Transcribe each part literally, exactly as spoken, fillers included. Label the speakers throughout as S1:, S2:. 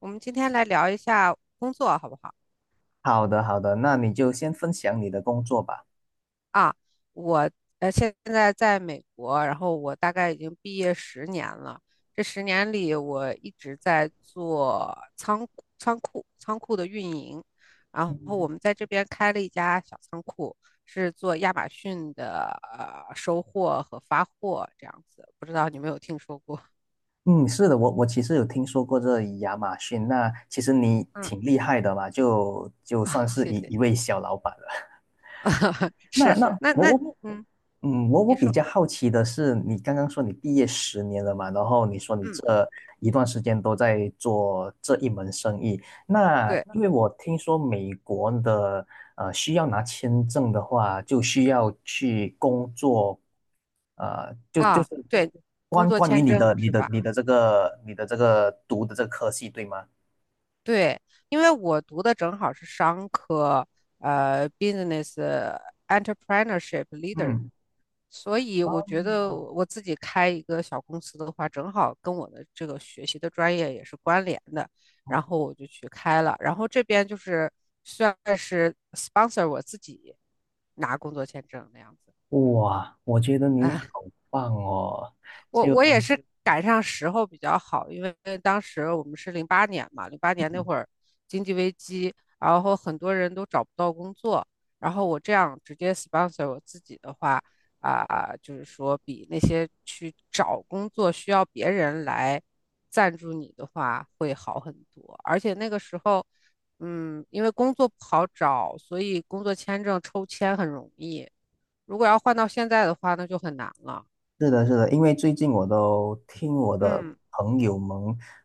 S1: 我们今天来聊一下工作，好不好？
S2: 好的，好的，那你就先分享你的工作吧。
S1: 啊，我呃现在在美国，然后我大概已经毕业十年了。这十年里，我一直在做仓库仓库仓库的运营。然后
S2: 嗯
S1: 我们在这边开了一家小仓库，是做亚马逊的呃收货和发货这样子。不知道你有没有听说过？
S2: 嗯，是的，我我其实有听说过这亚马逊，那其实你
S1: 嗯，
S2: 挺厉害的嘛，就就
S1: 啊，
S2: 算是
S1: 谢
S2: 一
S1: 谢
S2: 一
S1: 谢
S2: 位
S1: 谢，
S2: 小老板了。那
S1: 是，
S2: 那
S1: 那那
S2: 我我
S1: 嗯，
S2: 嗯，我我
S1: 你
S2: 比
S1: 说，
S2: 较好奇的是，你刚刚说你毕业十年了嘛，然后你说你
S1: 嗯。
S2: 这一段时间都在做这一门生意。那因
S1: 对。
S2: 为我听说美国的呃需要拿签证的话，就需要去工作。呃，就就
S1: 啊，
S2: 是
S1: 对，工
S2: 关
S1: 作
S2: 关于
S1: 签
S2: 你的
S1: 证
S2: 你
S1: 是
S2: 的
S1: 吧？
S2: 你的这个你的这个读的这个科系，对吗？
S1: 对，因为我读的正好是商科，呃，business entrepreneurship leader，
S2: 嗯。
S1: 所以
S2: 哦。
S1: 我觉得我自己开一个小公司的话，正好跟我的这个学习的专业也是关联的，然后我就去开了，然后这边就是算是 sponsor 我自己拿工作签证那样子，
S2: 哇，我觉得你好 棒哦！
S1: 我
S2: 就
S1: 我也是赶上时候比较好，因为当时我们是零八年嘛，零八年那会儿经济危机，然后很多人都找不到工作，然后我这样直接 sponsor 我自己的话，啊、就是说比那些去找工作需要别人来赞助你的话会好很多，而且那个时候。嗯，因为工作不好找，所以工作签证抽签很容易。如果要换到现在的话，那就很难了。
S2: 是的，是的，因为最近我都听我的
S1: 嗯。
S2: 朋友们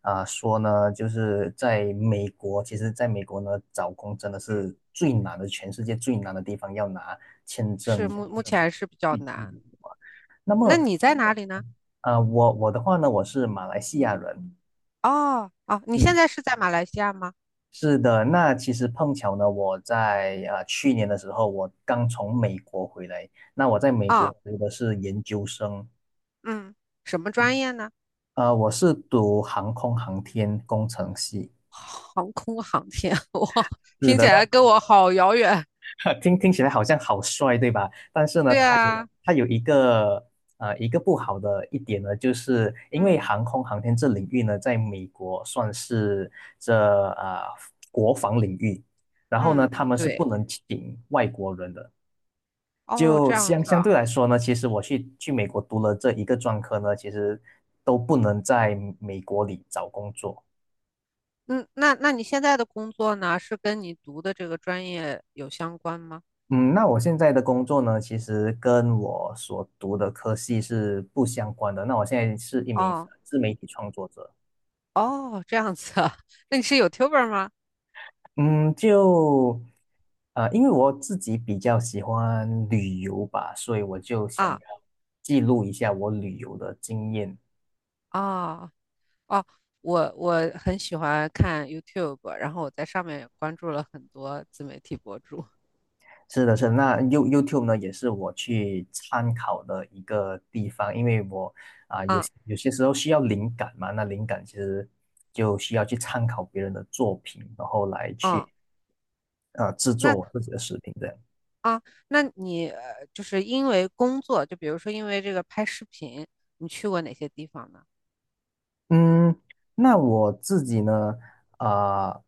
S2: 啊、说呢，就是在美国，其实在美国呢，找工真的是最难的，全世界最难的地方，要拿签
S1: 是
S2: 证
S1: 目
S2: 去
S1: 目前是比较
S2: 去去
S1: 难。
S2: 旅游。
S1: 那你在哪里呢？
S2: 啊、我我的话呢，我是马来西亚人。
S1: 哦哦，你现
S2: 嗯，
S1: 在是在马来西亚吗？
S2: 是的，那其实碰巧呢，我在啊、去年的时候，我刚从美国回来，那我在美
S1: 啊、
S2: 国读的是研究生。
S1: 嗯，什么专
S2: 嗯
S1: 业呢？
S2: 啊，我是读航空航天工程系。
S1: 航空航天，哇，听起来跟嗯我好遥远。
S2: 听听起来好像好帅，对吧？但是呢，
S1: 对
S2: 它有
S1: 啊，是啊
S2: 它有一个呃一个不好的一点呢，就是因
S1: 的
S2: 为
S1: 嗯
S2: 航空航天这领域呢，在美国算是这呃国防领域，然后呢，
S1: 嗯，
S2: 他
S1: 嗯
S2: 们是不
S1: 对，
S2: 能请外国人的。
S1: 哦，
S2: 就
S1: 这样
S2: 相
S1: 子
S2: 相对
S1: 啊。
S2: 来说呢，其实我去去美国读了这一个专科呢，其实都不能在美国里找工作。
S1: 嗯，那那你现在的工作呢，是跟你读的这个专业有相关吗？
S2: 嗯，那我现在的工作呢，其实跟我所读的科系是不相关的。那我现在是一名
S1: 哦
S2: 呃自媒体创作者。
S1: 哦，这样子啊。那你是 YouTuber 吗？
S2: 嗯，就呃，因为我自己比较喜欢旅游吧，所以我就想要
S1: 啊
S2: 记录一下我旅游的经验。
S1: 啊。哦哦，我我很喜欢看 YouTube，然后我在上面也关注了很多自媒体博主。
S2: 是的，是的那 You YouTube 呢，也是我去参考的一个地方，因为我啊、有
S1: 啊
S2: 些有些时候需要灵感嘛，那灵感其实就需要去参考别人的作品，然后来去
S1: 啊，
S2: 呃制作
S1: 那
S2: 我自己的视频这样。
S1: 啊，那你呃就是因为工作，就比如说因为这个拍视频，你去过哪些地方呢？
S2: 嗯，那我自己呢，呃，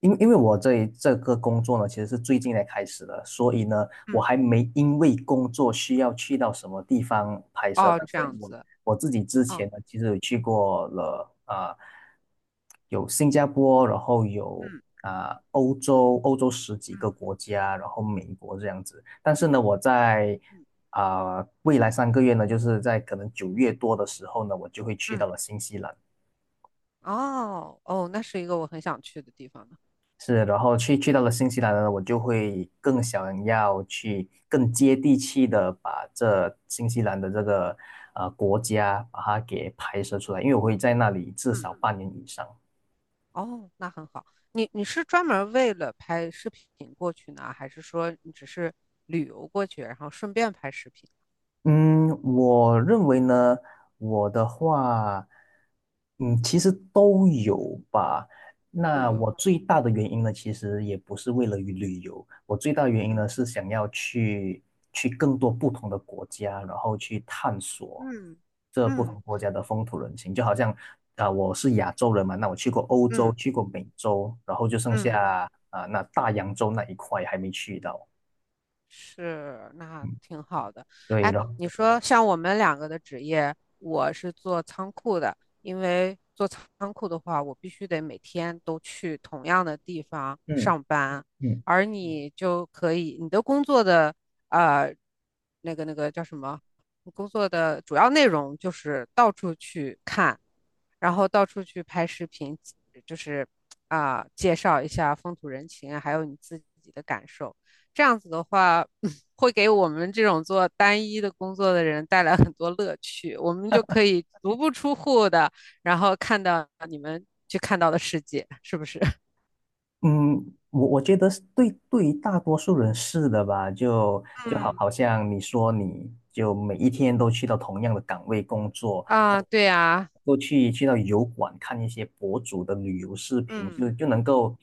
S2: 因因为我这一这个工作呢，其实是最近才开始的，所以呢，我
S1: 嗯，
S2: 还没因为工作需要去到什么地方拍摄，
S1: 哦，
S2: 但
S1: 这
S2: 是
S1: 样
S2: 我
S1: 子。
S2: 我自己之
S1: 哦，
S2: 前呢，其实有去过了啊、呃有新加坡，然后有
S1: 嗯
S2: 啊、呃欧洲，欧洲十几
S1: 嗯
S2: 个国家，然后美国这样子。但是呢，我在
S1: 嗯
S2: 啊、呃未来三个月呢，就是在可能九月多的时候呢，我就会去到
S1: 嗯，
S2: 了新西兰。
S1: 哦哦，那是一个我很想去的地方呢。
S2: 是，然后去去到了新西兰呢，我就会更想要去更接地气的把这新西兰的这个呃国家把它给拍摄出来，因为我会在那里至
S1: 嗯，
S2: 少半年以上。
S1: 哦，那很好。你你是专门为了拍视频过去呢，还是说你只是旅游过去，然后顺便拍视频？
S2: 嗯，我认为呢，我的话，嗯，其实都有吧。
S1: 都
S2: 那
S1: 有。
S2: 我最大的原因呢，其实也不是为了于旅游，我最大的原因
S1: 嗯
S2: 呢是想要去去更多不同的国家，然后去探索
S1: 嗯
S2: 这不同
S1: 嗯
S2: 国家的风土人情。就好像啊、我是亚洲人嘛，那我去过欧洲，
S1: 嗯
S2: 去过美洲，然后就剩
S1: 嗯，
S2: 下啊、那大洋洲那一块还没去到。
S1: 是，那挺好的。
S2: 对
S1: 哎，
S2: 了，然后
S1: 你说像我们两个的职业，我是做仓库的，因为做仓库的话，我必须得每天都去同样的地方
S2: 嗯。
S1: 上班，
S2: 嗯
S1: 而你就可以，你的工作的呃，那个那个叫什么？你工作的主要内容就是到处去看，然后到处去拍视频，就是啊、介绍一下风土人情啊还有你自己的感受。这样子的话，会给我们这种做单一的工作的人带来很多乐趣。我们就可以足不出户的，然后看到你们去看到的世界，是不是？
S2: 嗯，我我觉得是对对于大多数人是的吧，就就好
S1: 嗯
S2: 好像你说你就每一天都去到同样的岗位工作，
S1: 啊，对呀，
S2: 都去去到油管看一些博主的旅游视频，
S1: 嗯，
S2: 就就能够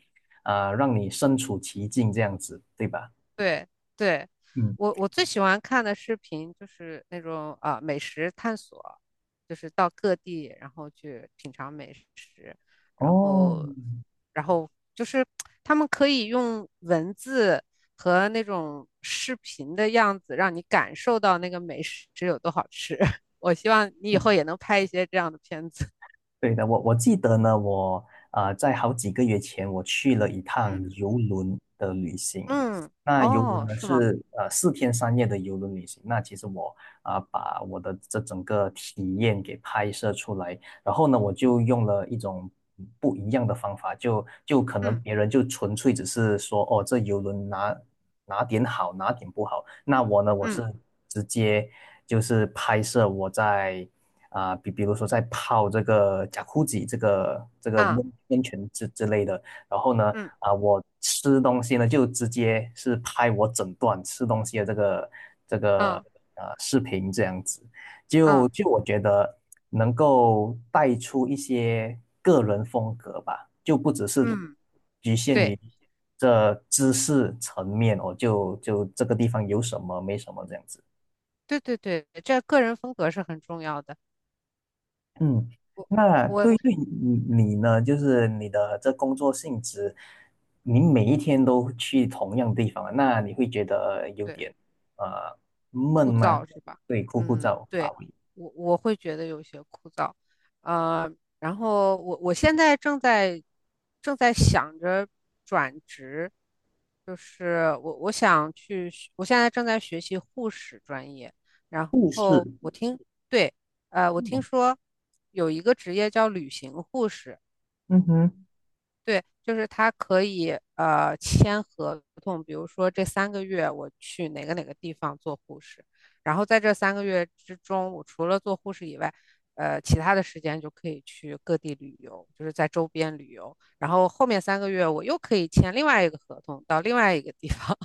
S2: 啊呃让你身处其境这样子，对吧？
S1: 对对，
S2: 嗯。
S1: 我我最喜欢看的视频就是那种啊、美食探索，就是到各地然后去品尝美食，然
S2: 哦。
S1: 后然后就是他们可以用文字和那种视频的样子让你感受到那个美食有多好吃。我希望你以后也能拍一些这样的片子。
S2: 对的，我我记得呢，我啊在好几个月前我去了一趟
S1: 嗯
S2: 游轮的旅 行。
S1: 嗯，
S2: 那游轮
S1: 哦，
S2: 呢
S1: 是吗？
S2: 是呃四天三夜的游轮旅行。那其实我啊、把我的这整个体验给拍摄出来，然后呢我就用了一种不一样的方法，就就可能
S1: 嗯
S2: 别人就纯粹只是说哦这游轮哪哪点好哪点不好，那我呢我是
S1: 嗯
S2: 直接就是拍摄我在。啊，比、比如说在泡这个贾库吉这个这个
S1: 啊
S2: 温温泉之之类的，然后呢，
S1: 嗯
S2: 啊，我吃东西呢就直接是拍我整段吃东西的这个这个
S1: 啊
S2: 呃视频这样子，就
S1: 啊
S2: 就我觉得能够带出一些个人风格吧，就不只是
S1: 嗯，
S2: 局限
S1: 对。
S2: 于这知识层面哦，就就这个地方有什么没什么这样子。
S1: 对对对，这个人风格是很重要的。
S2: 嗯，那对
S1: 我
S2: 于你你呢，就是你的这工作性质，你每一天都去同样地方，那你会觉得有点
S1: 对，
S2: 呃闷
S1: 枯
S2: 吗？
S1: 燥是吧？
S2: 对，枯枯
S1: 嗯，
S2: 燥乏
S1: 对，
S2: 味。
S1: 我我会觉得有些枯燥，呃，然后我我现在正在正在想着转职，就是我我想去学我现在正在学习护士专业，然
S2: 不
S1: 后
S2: 是。
S1: 我听对，呃，我听
S2: 嗯。
S1: 说有一个职业叫旅行护士。
S2: 嗯哼。
S1: 对，就是他可以呃签合同，比如说这三个月我去哪个哪个地方做护士，然后在这三个月之中，我除了做护士以外，呃，其他的时间就可以去各地旅游，就是在周边旅游。然后后面三个月我又可以签另外一个合同到另外一个地方，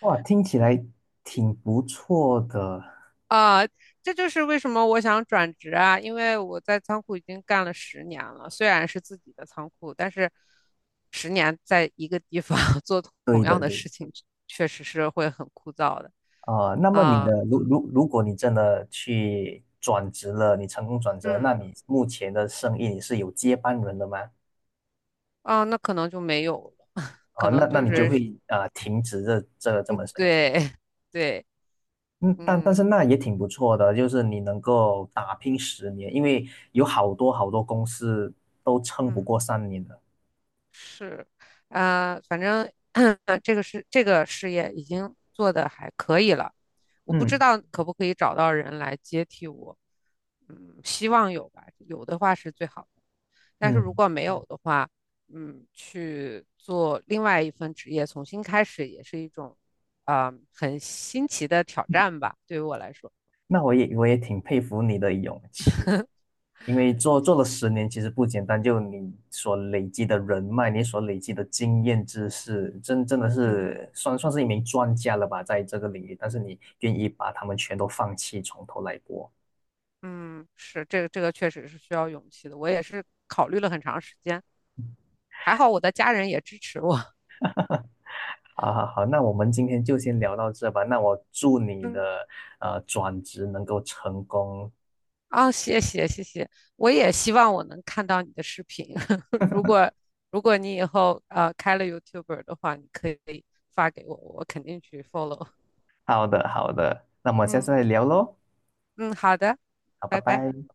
S2: 哇，听起来挺不错的。
S1: 啊、这就是为什么我想转职啊，因为我在仓库已经干了十年了，虽然是自己的仓库，但是十年在一个地方 做
S2: 对
S1: 同
S2: 的，
S1: 样的
S2: 对。
S1: 事情，确实是会很枯燥的。
S2: 啊、那
S1: 啊、
S2: 么你
S1: 啊
S2: 的如如如果你真的去转职了，你成功转职了，
S1: 嗯，
S2: 那你目前的生意你是有接班人的吗？
S1: 啊、那可能就没有了，
S2: 啊、
S1: 可
S2: 那
S1: 能
S2: 那
S1: 就啊
S2: 你就
S1: 是
S2: 会啊停止这这这门生意。
S1: 对 对，
S2: 嗯，但但
S1: 嗯
S2: 是那也挺不错的，就是你能够打拼十年，因为有好多好多公司都撑不
S1: 嗯。
S2: 过三年的。
S1: 是，呃，反正 这个是这个事业已经做的还可以了，我不知
S2: 嗯
S1: 道可不可以找到人来接替我，嗯，希望有吧，有的话是最好的，但是如
S2: 嗯，
S1: 果没有的话，嗯，去做另外一份职业，重新开始也是一种，啊、很新奇的挑战吧，对于我来说，
S2: 那我也我也挺佩服你的勇气，因为
S1: 嗯，
S2: 做做
S1: 谢
S2: 了十
S1: 谢。
S2: 年其实不简单，就你所累积的人脉，你所累积的经验知识，真真的
S1: 嗯
S2: 是算算是一名专家了吧，在这个领域，但是你愿意把他们全都放弃，从头来过。
S1: 嗯，是这个这个确实是需要勇气的，我也是考虑了很长时间。还好我的家人也支持我。
S2: 好好好，那我们今天就先聊到这吧。那我祝你
S1: 嗯，
S2: 的呃转职能够成功。
S1: 啊，谢谢谢谢，我也希望我能看到你的视频。如果如果你以后呃开了 YouTuber 的话，你可以发给我，我肯定去 follow。
S2: 好的，好的，那我们下次
S1: 嗯
S2: 再聊喽。
S1: 嗯，好的，
S2: 好，拜
S1: 拜拜。
S2: 拜。